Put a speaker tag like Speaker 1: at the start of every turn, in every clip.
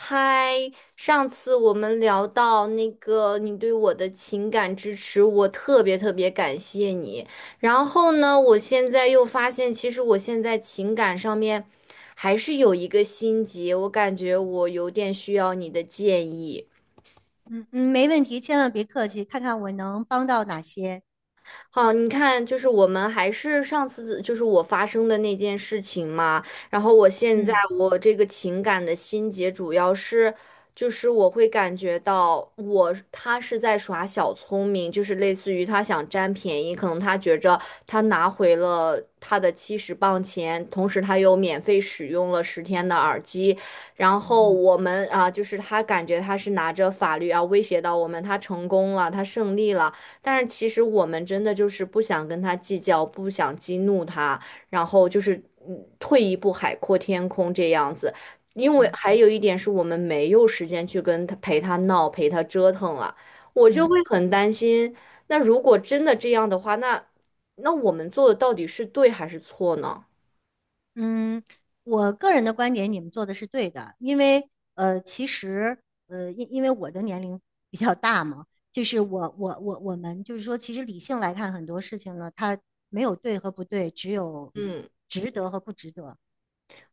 Speaker 1: 嗨，上次我们聊到那个你对我的情感支持，我特别特别感谢你。然后呢，我现在又发现，其实我现在情感上面还是有一个心结，我感觉我有点需要你的建议。
Speaker 2: 嗯嗯，没问题，千万别客气，看看我能帮到哪些。
Speaker 1: 好，你看，就是我们还是上次就是我发生的那件事情嘛，然后我现在
Speaker 2: 嗯
Speaker 1: 我这个情感的心结主要是，就是我会感觉到我他是在耍小聪明，就是类似于他想占便宜，可能他觉着他拿回了他的70磅钱，同时他又免费使用了10天的耳机，然后
Speaker 2: 嗯
Speaker 1: 我们啊，就是他感觉他是拿着法律啊威胁到我们，他成功了，他胜利了。但是其实我们真的就是不想跟他计较，不想激怒他，然后就是退一步海阔天空这样子。因为
Speaker 2: 嗯
Speaker 1: 还有一点是我们没有时间去跟他陪他闹、陪他折腾了，我就会
Speaker 2: 嗯
Speaker 1: 很担心。那如果真的这样的话，那我们做的到底是对还是错呢？
Speaker 2: 嗯，我个人的观点，你们做的是对的，因为其实因为我的年龄比较大嘛，就是我们就是说，其实理性来看很多事情呢，它没有对和不对，只有值得和不值得。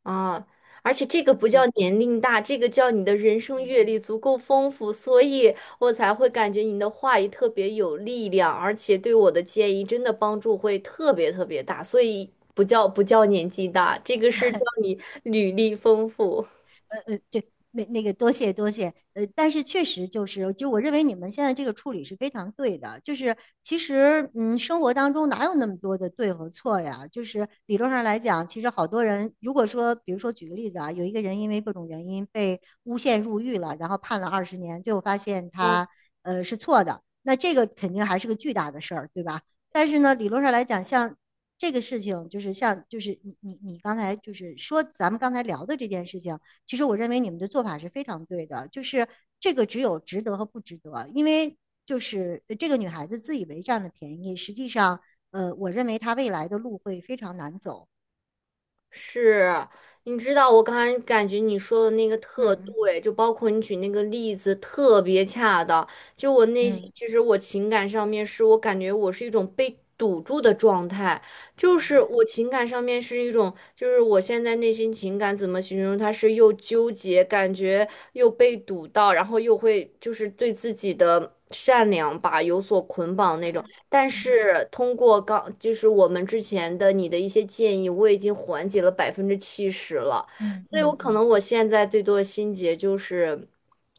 Speaker 1: 啊，而且这个不叫
Speaker 2: 对，
Speaker 1: 年龄大，这个叫你的人生
Speaker 2: 对
Speaker 1: 阅历足够丰富，所以我才会感觉你的话语特别有力量，而且对我的建议真的帮助会特别特别大，所以不叫年纪大，这个是叫你履历丰富。
Speaker 2: 呃呃这那个多谢多谢，但是确实就是，就我认为你们现在这个处理是非常对的，就是其实嗯，生活当中哪有那么多的对和错呀？就是理论上来讲，其实好多人如果说，比如说举个例子啊，有一个人因为各种原因被诬陷入狱了，然后判了20年，最后发现他是错的，那这个肯定还是个巨大的事儿，对吧？但是呢，理论上来讲，像这个事情，就是就是你刚才就是说咱们刚才聊的这件事情。其实我认为你们的做法是非常对的，就是这个只有值得和不值得，因为就是这个女孩子自以为占了便宜，实际上，我认为她未来的路会非常难走。
Speaker 1: 是，你知道我刚才感觉你说的那个特
Speaker 2: 嗯
Speaker 1: 对，就包括你举那个例子特别恰当。就我内心，
Speaker 2: 嗯，
Speaker 1: 其实我情感上面是我感觉我是一种被堵住的状态，就
Speaker 2: 明
Speaker 1: 是
Speaker 2: 白。
Speaker 1: 我情感上面是一种，就是我现在内心情感怎么形容？它是又纠结，感觉又被堵到，然后又会就是对自己的善良吧有所捆绑那种。
Speaker 2: 嗯
Speaker 1: 但
Speaker 2: 嗯
Speaker 1: 是通过刚就是我们之前的你的一些建议，我已经缓解了70%了，
Speaker 2: 嗯
Speaker 1: 所以
Speaker 2: 嗯
Speaker 1: 我
Speaker 2: 嗯
Speaker 1: 可
Speaker 2: 嗯。
Speaker 1: 能我现在最多的心结就是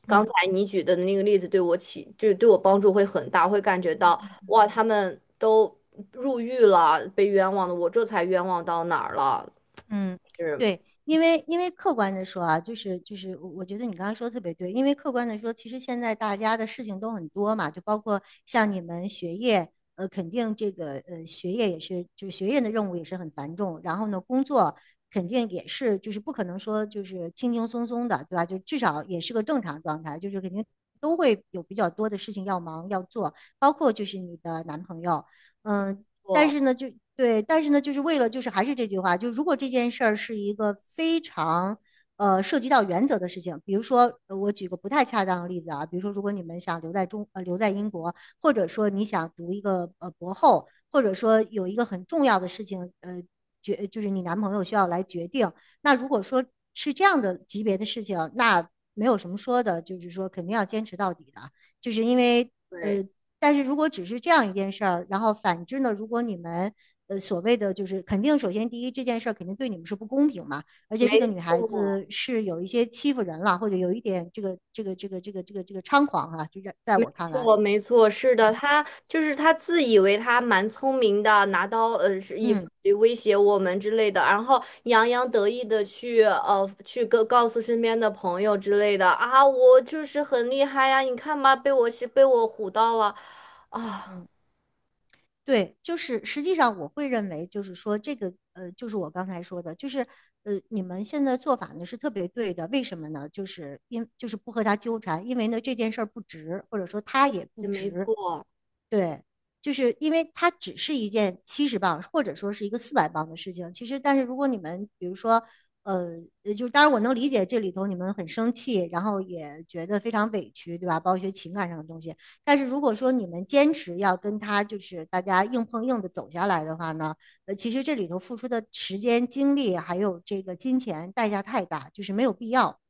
Speaker 1: 刚
Speaker 2: 嗯
Speaker 1: 才你举的那个例子对我起就是对我帮助会很大，会感觉到哇，他们都入狱了，被冤枉的，我这才冤枉到哪儿了？
Speaker 2: 嗯，
Speaker 1: 是，
Speaker 2: 对，因为客观的说啊，我觉得你刚刚说的特别对，因为客观的说，其实现在大家的事情都很多嘛，就包括像你们学业，肯定这个学业也是，就是学业的任务也是很繁重，然后呢，工作肯定也是，就是不可能说就是轻轻松松的，对吧？就至少也是个正常状态，就是肯定都会有比较多的事情要忙要做，包括就是你的男朋友。嗯，但
Speaker 1: 我
Speaker 2: 是呢，就对，但是呢，就是为了，就是还是这句话，就如果这件事儿是一个非常涉及到原则的事情，比如说我举个不太恰当的例子啊，比如说如果你们想留在英国，或者说你想读一个博后，或者说有一个很重要的事情就是你男朋友需要来决定，那如果说是这样的级别的事情，那没有什么说的，就是说肯定要坚持到底的，就是因为
Speaker 1: 对，
Speaker 2: 呃但是如果只是这样一件事儿，然后反之呢，如果你们所谓的就是肯定，首先第一这件事儿肯定对你们是不公平嘛，而
Speaker 1: 没
Speaker 2: 且这个女孩
Speaker 1: 错，
Speaker 2: 子是有一些欺负人了，或者有一点这个猖狂啊，就在我看来，
Speaker 1: 我没错，是的，他就是他自以为他蛮聪明的，拿刀是以法
Speaker 2: 嗯
Speaker 1: 律威胁我们之类的，然后洋洋得意的去去告诉身边的朋友之类的啊，我就是很厉害呀，你看吧，被我是被我唬到了，
Speaker 2: 嗯，对，就是实际上我会认为就是说这个，就是我刚才说的，就是你们现在做法呢是特别对的，为什么呢？就是因就是不和他纠缠，因为呢这件事儿不值，或者说他也不
Speaker 1: 也没
Speaker 2: 值。
Speaker 1: 错。
Speaker 2: 对，就是因为它只是一件七十磅或者说是一个四百磅的事情。其实，但是如果你们比如说，呃，就当然我能理解这里头你们很生气，然后也觉得非常委屈，对吧？包括一些情感上的东西。但是如果说你们坚持要跟他就是大家硬碰硬的走下来的话呢，其实这里头付出的时间、精力还有这个金钱代价太大，就是没有必要。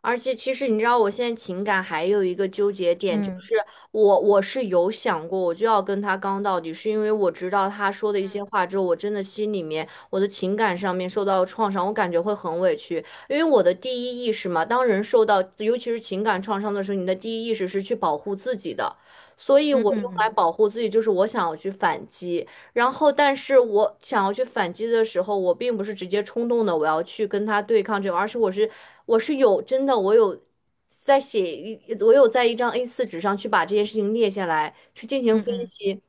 Speaker 1: 而且其实你知道，我现在情感还有一个纠结点，就
Speaker 2: 嗯
Speaker 1: 是我是有想过，我就要跟他刚到底，是因为我知道他说的一些话之后，我真的心里面我的情感上面受到了创伤，我感觉会很委屈，因为我的第一意识嘛，当人受到尤其是情感创伤的时候，你的第一意识是去保护自己的，所以
Speaker 2: 嗯
Speaker 1: 我
Speaker 2: 嗯
Speaker 1: 用来
Speaker 2: 嗯
Speaker 1: 保护自己就是我想要去反击。然后，但是我想要去反击的时候，我并不是直接冲动的，我要去跟他对抗这种，而是我是我是有真的，我有在写一，我有在一张 a 四纸上去把这件事情列下来，去进行
Speaker 2: 嗯
Speaker 1: 分
Speaker 2: 嗯
Speaker 1: 析。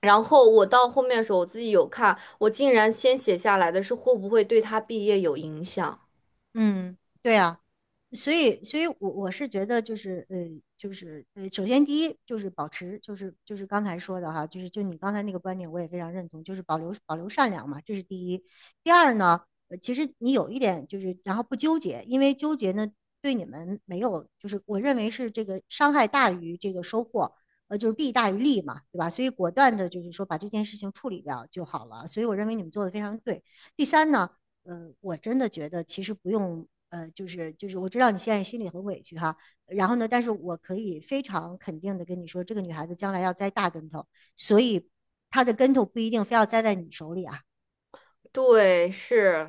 Speaker 1: 然后我到后面的时候，我自己有看，我竟然先写下来的是会不会对他毕业有影响。
Speaker 2: 嗯，对啊。所以我是觉得就是，首先第一就是保持，就是刚才说的哈，就你刚才那个观点，我也非常认同，就是保留善良嘛，这是第一。第二呢，其实你有一点就是，然后不纠结，因为纠结呢对你们没有，就是我认为是这个伤害大于这个收获，就是弊大于利嘛，对吧？所以果断的就是说把这件事情处理掉就好了。所以我认为你们做的非常对。第三呢。我真的觉得其实不用，我知道你现在心里很委屈哈。然后呢，但是我可以非常肯定的跟你说，这个女孩子将来要栽大跟头，所以她的跟头不一定非要栽在你手里啊。
Speaker 1: 对，是，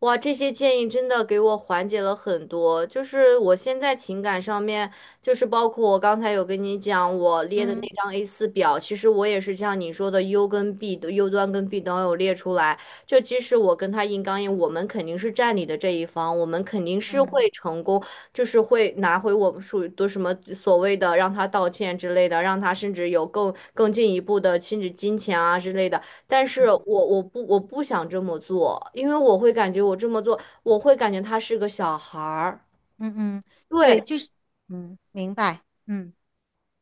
Speaker 1: 哇，这些建议真的给我缓解了很多。就是我现在情感上面，就是包括我刚才有跟你讲我列的那
Speaker 2: 嗯
Speaker 1: 张 a 四表，其实我也是像你说的 U 跟 B 的 U 端跟 B 端有列出来。就即使我跟他硬刚硬，我们肯定是占理的这一方，我们肯定是
Speaker 2: 嗯
Speaker 1: 会成功，就是会拿回我们属于的什么所谓的的。让他道歉之类甚至有更进一步金钱啊，但是
Speaker 2: 嗯
Speaker 1: 我不想这么做，因为我会感觉我这么做，我会感觉他是个小孩儿。
Speaker 2: 嗯嗯，
Speaker 1: 对，
Speaker 2: 对，明白，嗯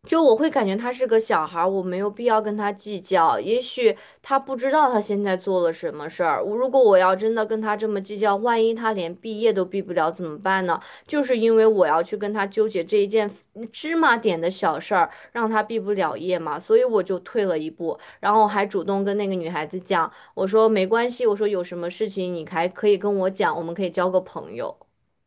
Speaker 1: 就我会感觉他是个小孩儿，我没有必要跟他计较。也许他不知道他现在做了什么事儿。我如果我要真的跟他这么计较，万一他连毕业都毕不了怎么办呢？就是因为我要去跟他纠结这一件芝麻点的小事儿，让他毕不了业嘛，所以我就退了一步，然后还主动跟那个女孩子讲，我说没关系，我说有什么事情你还可以跟我讲，我们可以交个朋友。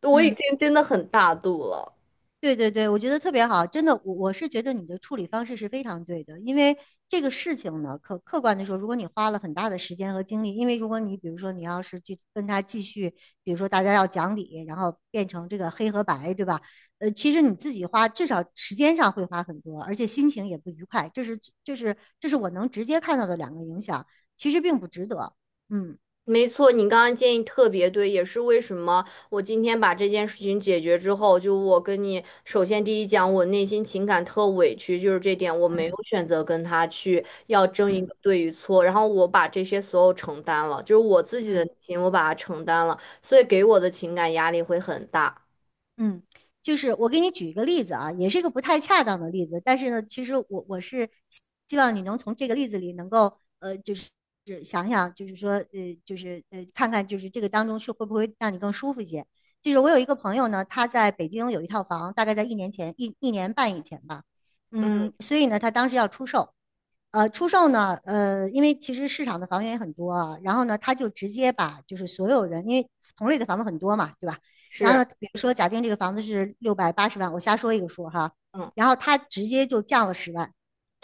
Speaker 1: 我已
Speaker 2: 嗯。
Speaker 1: 经真的很大度了。
Speaker 2: 对对对，我觉得特别好，真的，我是觉得你的处理方式是非常对的，因为这个事情呢，客客观的说，如果你花了很大的时间和精力，因为如果你比如说你要是去跟他继续，比如说大家要讲理，然后变成这个黑和白，对吧？其实你自己花至少时间上会花很多，而且心情也不愉快，这是这是我能直接看到的两个影响，其实并不值得。嗯
Speaker 1: 没错，你刚刚建议特别对，也是为什么我今天把这件事情解决之后，就我跟你首先第一讲，我内心情感特委屈，就是这点我没
Speaker 2: 嗯
Speaker 1: 有选择跟他去要争一
Speaker 2: 嗯
Speaker 1: 个对与错，然后我把这些所有承担了，就是我自己的
Speaker 2: 嗯。
Speaker 1: 内心我把它承担了，所以给我的情感压力会很大。
Speaker 2: 嗯，就是我给你举一个例子啊，也是一个不太恰当的例子，但是呢，其实我是希望你能从这个例子里能够是想想，看看就是这个当中是会不会让你更舒服一些。就是我有一个朋友呢，他在北京有一套房，大概在一年前一年半以前吧，
Speaker 1: 嗯，
Speaker 2: 嗯，所以呢，他当时要出售，出售呢，因为其实市场的房源也很多啊，然后呢，他就直接把就是所有人，因为同类的房子很多嘛，对吧？然后
Speaker 1: 是，
Speaker 2: 呢，比如说假定这个房子是680万，我瞎说一个数哈，
Speaker 1: 嗯，
Speaker 2: 然后他直接就降了十万，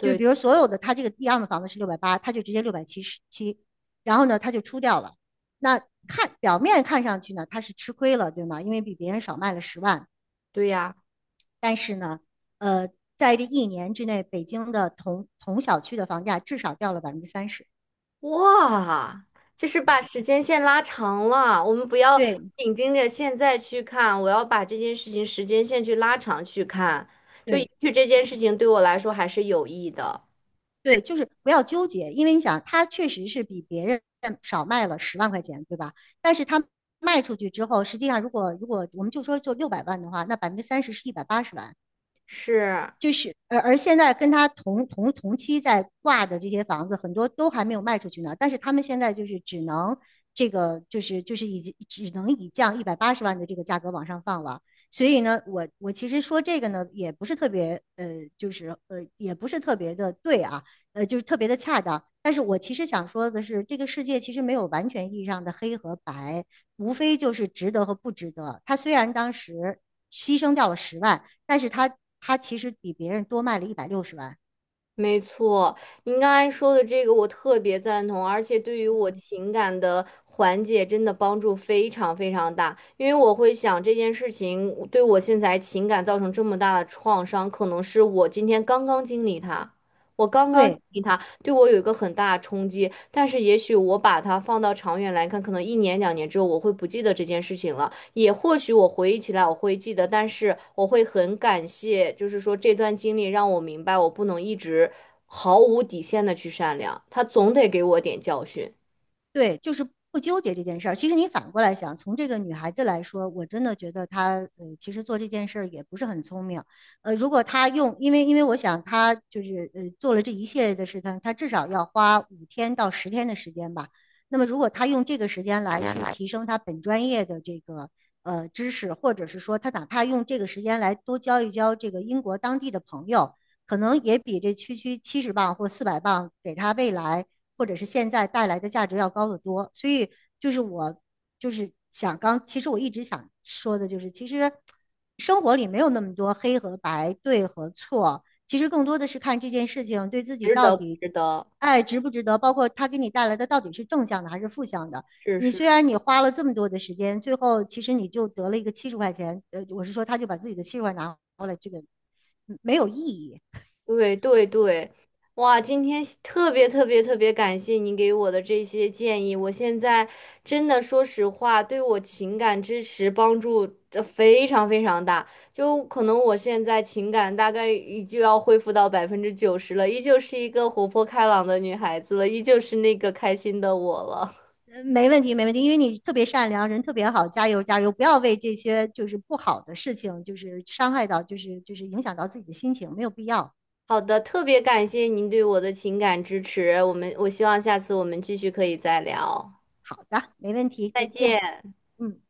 Speaker 2: 就是比如所有的他这个一样的房子是六百八，他就直接677，然后呢，他就出掉了。那看表面看上去呢，他是吃亏了，对吗？因为比别人少卖了十万，
Speaker 1: 对呀。
Speaker 2: 但是呢，呃，在这一年之内，北京的同小区的房价至少掉了百分之三十。
Speaker 1: 哇，就是把
Speaker 2: 对
Speaker 1: 时间线拉长了。我们不要
Speaker 2: 对
Speaker 1: 紧盯着现在去看，我要把这件事情时间线去拉长去看，就也
Speaker 2: 对
Speaker 1: 许这件事情对我来说还是有益的。
Speaker 2: 对，就是不要纠结，因为你想，他确实是比别人少卖了10万块钱，对吧？但是他卖出去之后，实际上如果我们就说就600万的话，那百分之三十是一百八十万。
Speaker 1: 是。
Speaker 2: 就是现在跟他同期在挂的这些房子，很多都还没有卖出去呢，但是他们现在就是只能已经只能以降一百八十万的这个价格往上放了。所以呢，我其实说这个呢，也不是特别的对啊，就是特别的恰当。但是我其实想说的是，这个世界其实没有完全意义上的黑和白，无非就是值得和不值得。他虽然当时牺牲掉了十万，但是他其实比别人多卖了160万。
Speaker 1: 没错，您刚才说的这个我特别赞同，而且对于我情感的缓解真的帮助非常非常大。因为我会想这件事情对我现在情感造成这么大的创伤，可能是我今天刚刚经历它，我刚刚经
Speaker 2: 对
Speaker 1: 历它对我有一个很大的冲击。但是也许我把它放到长远来看，可能一年两年之后我会不记得这件事情了。也或许我回忆起来我会记得，但是我会很感谢，就是说这段经历让我明白，我不能一直毫无底线的去善良，他总得给我点教训，
Speaker 2: 对，就是不纠结这件事儿。其实你反过来想，从这个女孩子来说，我真的觉得她其实做这件事儿也不是很聪明。如果她用，因为我想她就是做了这一系列的事情，她至少要花5天到10天的时间吧。那么如果她用这个时间来去提升她本专业的这个。知识，或者是说她哪怕用这个时间来多交一交这个英国当地的朋友，可能也比这区区70磅或400磅给他未来或者是现在带来的价值要高得多。所以就是我就是想刚，其实我一直想说的就是，其实生活里没有那么多黑和白、对和错，其实更多的是看这件事情对自己
Speaker 1: 值
Speaker 2: 到
Speaker 1: 得不
Speaker 2: 底。
Speaker 1: 值得？
Speaker 2: 爱值不值得？包括他给你带来的到底是正向的还是负向的？
Speaker 1: 是
Speaker 2: 你虽
Speaker 1: 是。
Speaker 2: 然你花了这么多的时间，最后其实你就得了一个70块钱，我是说他就把自己的七十块拿回来，这个没有意义。
Speaker 1: 对对对，哇！今天特别特别特别感谢您给我的这些建议，我现在真的说实话，对我情感支持帮助非常非常大。就可能我现在情感大概已经要恢复到90%了，依旧是一个活泼开朗的女孩子了，依旧是那个开心的我了。
Speaker 2: 没问题，没问题，因为你特别善良，人特别好，加油加油！不要为这些就是不好的事情，就是伤害到，就是就是影响到自己的心情，没有必要。
Speaker 1: 好的，特别感谢您对我的情感支持，我希望下次我们继续可以再聊，
Speaker 2: 好的，没问题，
Speaker 1: 再
Speaker 2: 再见。
Speaker 1: 见。
Speaker 2: 嗯。